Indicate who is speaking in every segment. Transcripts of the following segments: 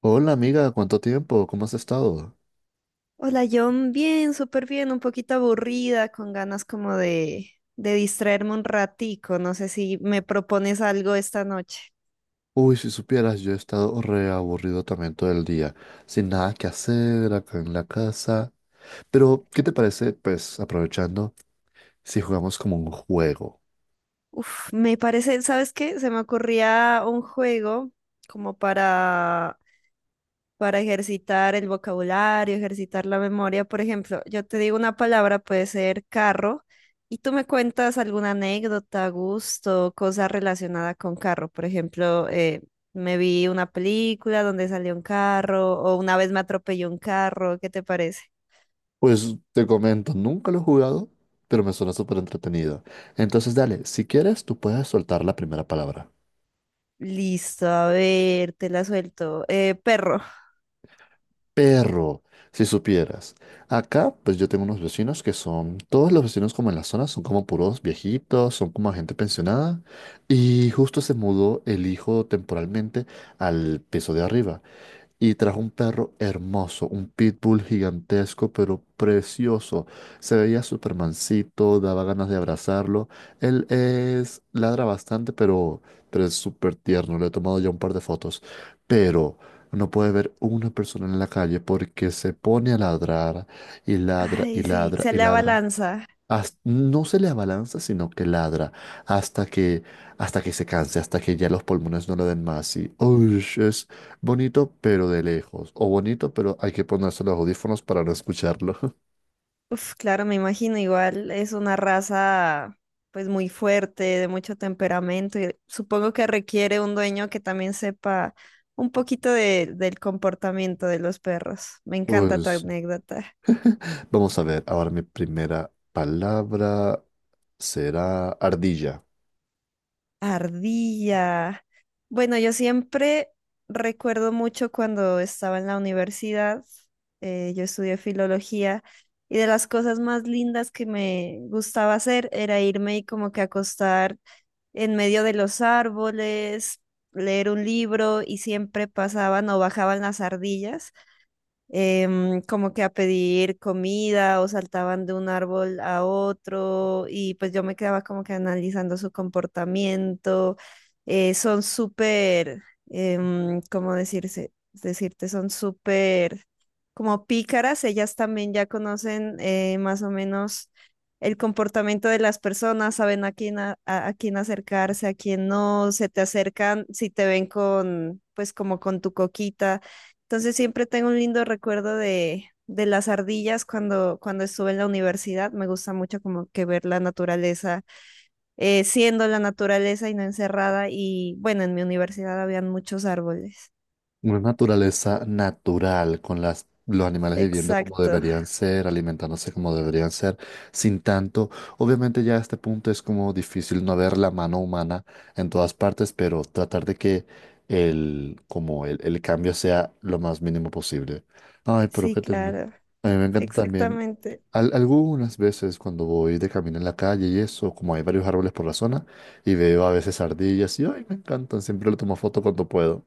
Speaker 1: Hola amiga, ¿cuánto tiempo? ¿Cómo has estado?
Speaker 2: Hola, John, bien, súper bien, un poquito aburrida, con ganas como de distraerme un ratico. No sé si me propones algo esta noche.
Speaker 1: Uy, si supieras, yo he estado re aburrido también todo el día, sin nada que hacer acá en la casa. Pero, ¿qué te parece? Pues aprovechando, si jugamos como un juego.
Speaker 2: Uf, me parece, ¿sabes qué? Se me ocurría un juego como para ejercitar el vocabulario, ejercitar la memoria. Por ejemplo, yo te digo una palabra, puede ser carro, y tú me cuentas alguna anécdota, gusto, cosa relacionada con carro. Por ejemplo, me vi una película donde salió un carro, o una vez me atropelló un carro, ¿qué te parece?
Speaker 1: Pues te comento, nunca lo he jugado, pero me suena súper entretenido. Entonces, dale, si quieres, tú puedes soltar la primera palabra.
Speaker 2: Listo, a ver, te la suelto. Perro.
Speaker 1: Perro, si supieras. Acá, pues yo tengo unos vecinos que todos los vecinos como en la zona son como puros viejitos, son como gente pensionada. Y justo se mudó el hijo temporalmente al piso de arriba y trajo un perro hermoso, un pitbull gigantesco, pero precioso. Se veía Supermancito, daba ganas de abrazarlo. Él ladra bastante, pero es súper tierno. Le he tomado ya un par de fotos. Pero no puede ver una persona en la calle porque se pone a ladrar y ladra y
Speaker 2: Ay, sí,
Speaker 1: ladra
Speaker 2: se
Speaker 1: y
Speaker 2: le
Speaker 1: ladra.
Speaker 2: abalanza.
Speaker 1: No se le abalanza, sino que ladra hasta que, hasta que se canse, hasta que ya los pulmones no lo den más. Y "Ush", es bonito, pero de lejos. O bonito, pero hay que ponerse los audífonos para no escucharlo.
Speaker 2: Uf, claro, me imagino, igual es una raza pues muy fuerte, de mucho temperamento, y supongo que requiere un dueño que también sepa un poquito del comportamiento de los perros. Me encanta tu
Speaker 1: Pues
Speaker 2: anécdota.
Speaker 1: vamos a ver. Ahora mi primera palabra será ardilla.
Speaker 2: Ardilla. Bueno, yo siempre recuerdo mucho cuando estaba en la universidad, yo estudié filología. Y de las cosas más lindas que me gustaba hacer era irme y como que acostar en medio de los árboles, leer un libro y siempre pasaban o bajaban las ardillas como que a pedir comida o saltaban de un árbol a otro y pues yo me quedaba como que analizando su comportamiento. Son súper, ¿cómo decirse? Decirte, son súper como pícaras, ellas también ya conocen más o menos el comportamiento de las personas, saben a quién, a quién acercarse, a quién no, se te acercan si te ven con, pues como con tu coquita, entonces siempre tengo un lindo recuerdo de las ardillas cuando, cuando estuve en la universidad. Me gusta mucho como que ver la naturaleza, siendo la naturaleza y no encerrada. Y bueno, en mi universidad habían muchos árboles.
Speaker 1: Una naturaleza natural, con los animales viviendo como
Speaker 2: Exacto.
Speaker 1: deberían ser, alimentándose como deberían ser, sin tanto. Obviamente ya a este punto es como difícil no ver la mano humana en todas partes, pero tratar de que el cambio sea lo más mínimo posible. Ay, pero
Speaker 2: Sí,
Speaker 1: qué tierno.
Speaker 2: claro.
Speaker 1: A mí me encanta también.
Speaker 2: Exactamente.
Speaker 1: Algunas veces cuando voy de camino en la calle y eso, como hay varios árboles por la zona, y veo a veces ardillas y, ay, me encantan, siempre le tomo foto cuando puedo.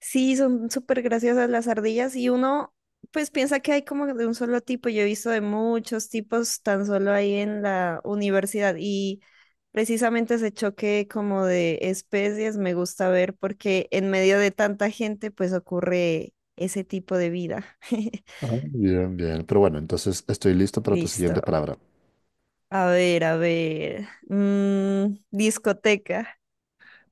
Speaker 2: Sí, son súper graciosas las ardillas y uno pues piensa que hay como de un solo tipo. Yo he visto de muchos tipos tan solo ahí en la universidad y precisamente ese choque como de especies me gusta ver porque en medio de tanta gente pues ocurre ese tipo de vida.
Speaker 1: Ah, bien, bien. Pero bueno, entonces estoy listo para tu
Speaker 2: Listo.
Speaker 1: siguiente palabra.
Speaker 2: A ver, a ver. Discoteca.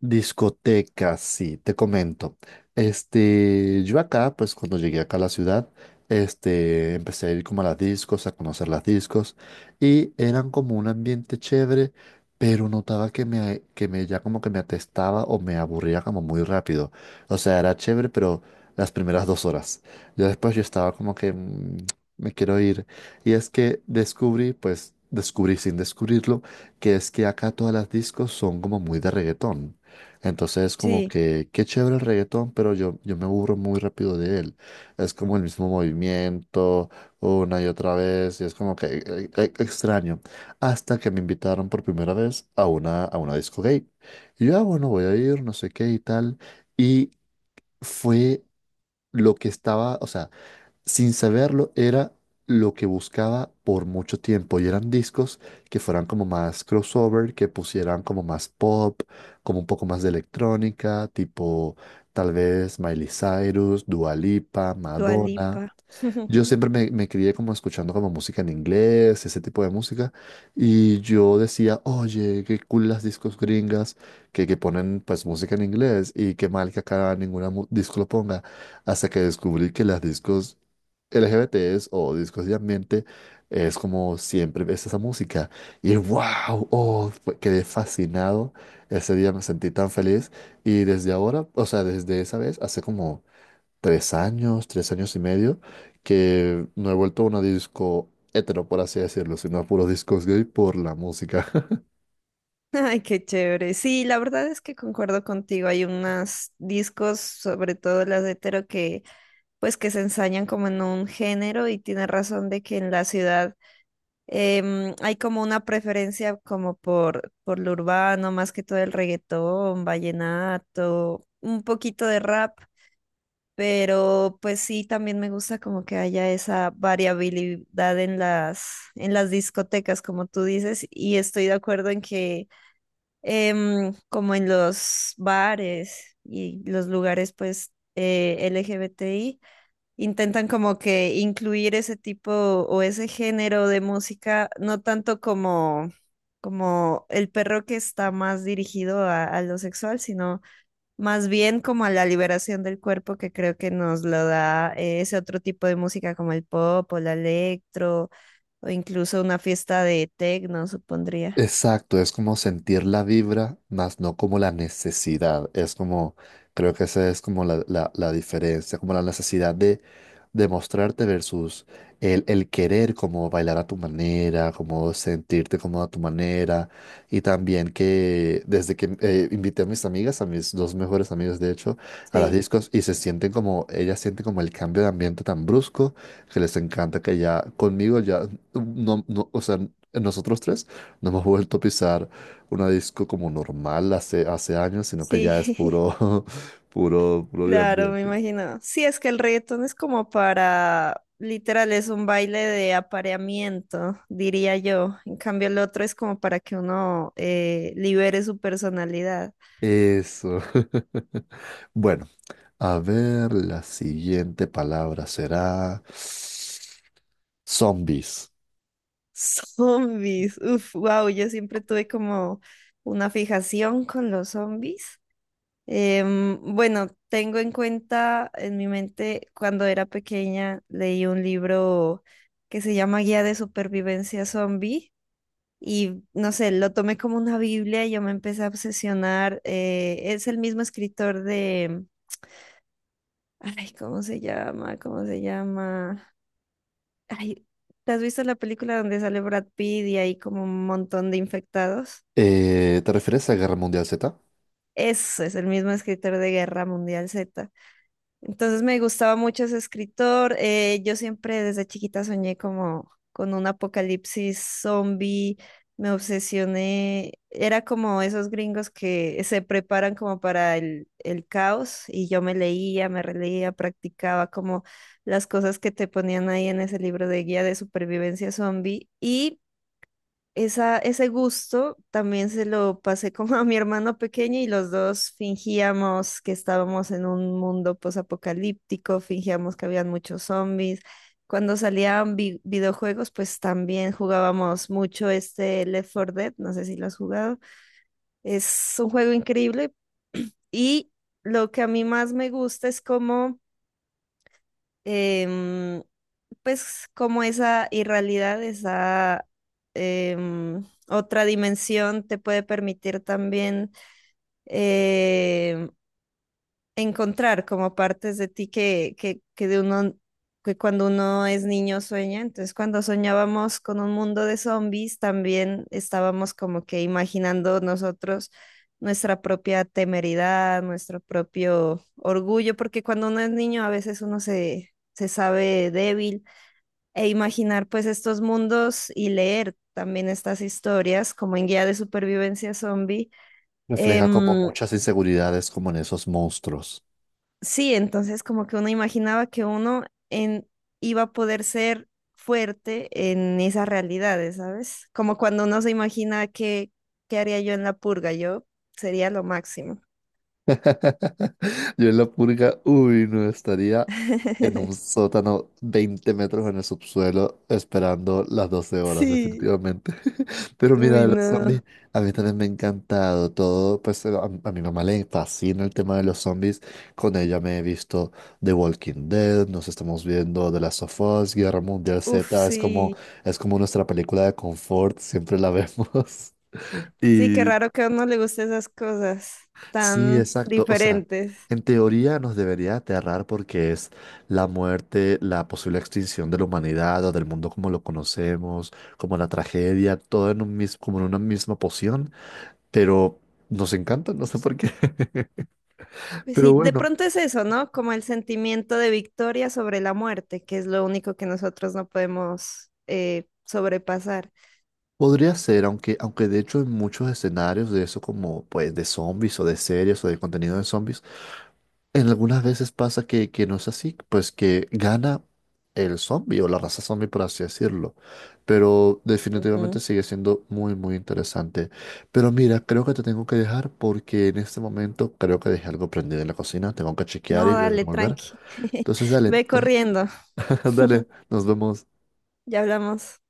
Speaker 1: Discotecas, sí, te comento. Este, yo acá, pues cuando llegué acá a la ciudad, este, empecé a ir como a las discos, a conocer las discos, y eran como un ambiente chévere, pero notaba que me ya como que me atestaba o me aburría como muy rápido. O sea, era chévere, pero las primeras 2 horas. Ya después yo estaba como que "Mm, me quiero ir". Y es que descubrí, pues descubrí sin descubrirlo, que es que acá todas las discos son como muy de reggaetón. Entonces es como
Speaker 2: Sí,
Speaker 1: que, qué chévere el reggaetón, pero yo me aburro muy rápido de él. Es como el mismo movimiento, una y otra vez, y es como que extraño. Hasta que me invitaron por primera vez a a una disco gay. Y yo, ah, bueno, voy a ir, no sé qué y tal. Y fue lo que estaba, o sea sin saberlo, era lo que buscaba por mucho tiempo y eran discos que fueran como más crossover, que pusieran como más pop, como un poco más de electrónica, tipo tal vez Miley Cyrus, Dua Lipa,
Speaker 2: Dua
Speaker 1: Madonna.
Speaker 2: Lipa.
Speaker 1: Yo siempre me crié como escuchando como música en inglés, ese tipo de música, y yo decía, oye, qué cool las discos gringas que ponen pues música en inglés y qué mal que acá ninguna disco lo ponga, hasta que descubrí que las discos LGBTs o discos de ambiente es como siempre ves esa música y wow, oh, quedé fascinado, ese día me sentí tan feliz y desde ahora, o sea, desde esa vez, hace como 3 años, 3 años y medio, que no he vuelto a una disco hetero, por así decirlo, sino a puros discos gay por la música.
Speaker 2: Ay, qué chévere. Sí, la verdad es que concuerdo contigo. Hay unos discos, sobre todo las de hetero, que pues que se ensañan como en un género y tiene razón de que en la ciudad hay como una preferencia como por lo urbano, más que todo el reggaetón, vallenato, un poquito de rap, pero pues sí, también me gusta como que haya esa variabilidad en las discotecas, como tú dices, y estoy de acuerdo en que como en los bares y los lugares pues LGBTI, intentan como que incluir ese tipo o ese género de música, no tanto como, como el perro que está más dirigido a lo sexual, sino más bien como a la liberación del cuerpo que creo que nos lo da ese otro tipo de música como el pop o la electro o incluso una fiesta de techno, supondría.
Speaker 1: Exacto, es como sentir la vibra, más no como la necesidad. Es como, creo que esa es como la diferencia, como la necesidad de demostrarte versus el querer como bailar a tu manera, como sentirte como a tu manera. Y también que desde que invité a mis amigas, a mis dos mejores amigas de hecho, a las
Speaker 2: Sí,
Speaker 1: discos y se sienten como, ellas sienten como el cambio de ambiente tan brusco que les encanta que ya conmigo ya, no, no, o sea, nosotros tres no hemos vuelto a pisar una disco como normal hace años, sino que ya es
Speaker 2: sí.
Speaker 1: puro, puro, puro de
Speaker 2: Claro, me
Speaker 1: ambiente.
Speaker 2: imagino. Sí, es que el reggaetón es como para, literal, es un baile de apareamiento, diría yo. En cambio, el otro es como para que uno libere su personalidad.
Speaker 1: Eso. Bueno, a ver, la siguiente palabra será zombies.
Speaker 2: Zombies, uf, wow, yo siempre tuve como una fijación con los zombies. Bueno, tengo en cuenta en mi mente cuando era pequeña leí un libro que se llama Guía de Supervivencia Zombie. Y no sé, lo tomé como una Biblia y yo me empecé a obsesionar. Es el mismo escritor de... Ay, ¿cómo se llama? ¿Cómo se llama? Ay, ¿te has visto la película donde sale Brad Pitt y hay como un montón de infectados?
Speaker 1: ¿Te refieres a Guerra Mundial Z?
Speaker 2: Eso es el mismo escritor de Guerra Mundial Z. Entonces me gustaba mucho ese escritor. Yo siempre desde chiquita soñé como con un apocalipsis zombie. Me obsesioné. Era como esos gringos que se preparan como para el caos y yo me leía, me releía, practicaba como las cosas que te ponían ahí en ese libro de guía de supervivencia zombie y esa, ese gusto también se lo pasé como a mi hermano pequeño y los dos fingíamos que estábamos en un mundo posapocalíptico, fingíamos que habían muchos zombies. Cuando salían videojuegos, pues también jugábamos mucho este Left 4 Dead, no sé si lo has jugado. Es un juego increíble y lo que a mí más me gusta es como em, pues como esa irrealidad, esa otra dimensión te puede permitir también em, encontrar como partes de ti que de uno, que cuando uno es niño sueña. Entonces, cuando soñábamos con un mundo de zombies, también estábamos como que imaginando nosotros nuestra propia temeridad, nuestro propio orgullo, porque cuando uno es niño a veces uno se, se sabe débil e imaginar pues estos mundos y leer también estas historias como en guía de supervivencia zombie.
Speaker 1: Refleja como
Speaker 2: em,
Speaker 1: muchas inseguridades como en esos monstruos.
Speaker 2: Sí, entonces como que uno imaginaba que uno en, iba a poder ser fuerte en esas realidades, ¿sabes? Como cuando uno se imagina que, qué haría yo en la purga, yo sería lo máximo.
Speaker 1: Yo en la purga, uy, no estaría en un sótano 20 metros en el subsuelo esperando las 12 horas,
Speaker 2: Sí,
Speaker 1: definitivamente. Pero mira,
Speaker 2: uy,
Speaker 1: los
Speaker 2: no.
Speaker 1: zombies, a mí también me ha encantado todo, pues a, mi mamá le fascina el tema de los zombies, con ella me he visto The Walking Dead, nos estamos viendo The Last of Us, Guerra Mundial
Speaker 2: Uf,
Speaker 1: Z, es como,
Speaker 2: sí.
Speaker 1: es como nuestra película de confort, siempre la vemos.
Speaker 2: Sí, qué
Speaker 1: Y
Speaker 2: raro que a uno le guste esas cosas
Speaker 1: Sí,
Speaker 2: tan
Speaker 1: exacto. O sea,
Speaker 2: diferentes.
Speaker 1: en teoría nos debería aterrar porque es la muerte, la posible extinción de la humanidad o del mundo como lo conocemos, como la tragedia, todo en un como en una misma poción, pero nos encanta, no sé por qué.
Speaker 2: Pues
Speaker 1: Pero
Speaker 2: sí, de
Speaker 1: bueno,
Speaker 2: pronto es eso, ¿no? Como el sentimiento de victoria sobre la muerte, que es lo único que nosotros no podemos sobrepasar.
Speaker 1: podría ser, aunque de hecho en muchos escenarios de eso como pues de zombies o de series o de contenido de zombies, en algunas veces pasa que no es así, pues que gana el zombie o la raza zombie, por así decirlo. Pero definitivamente
Speaker 2: Ujú.
Speaker 1: sigue siendo muy, muy interesante. Pero mira, creo que te tengo que dejar porque en este momento creo que dejé algo prendido en la cocina. Tengo que chequear
Speaker 2: No,
Speaker 1: y
Speaker 2: dale,
Speaker 1: devolver.
Speaker 2: tranqui.
Speaker 1: Entonces, dale,
Speaker 2: Ve corriendo.
Speaker 1: dale, nos vemos.
Speaker 2: Ya hablamos.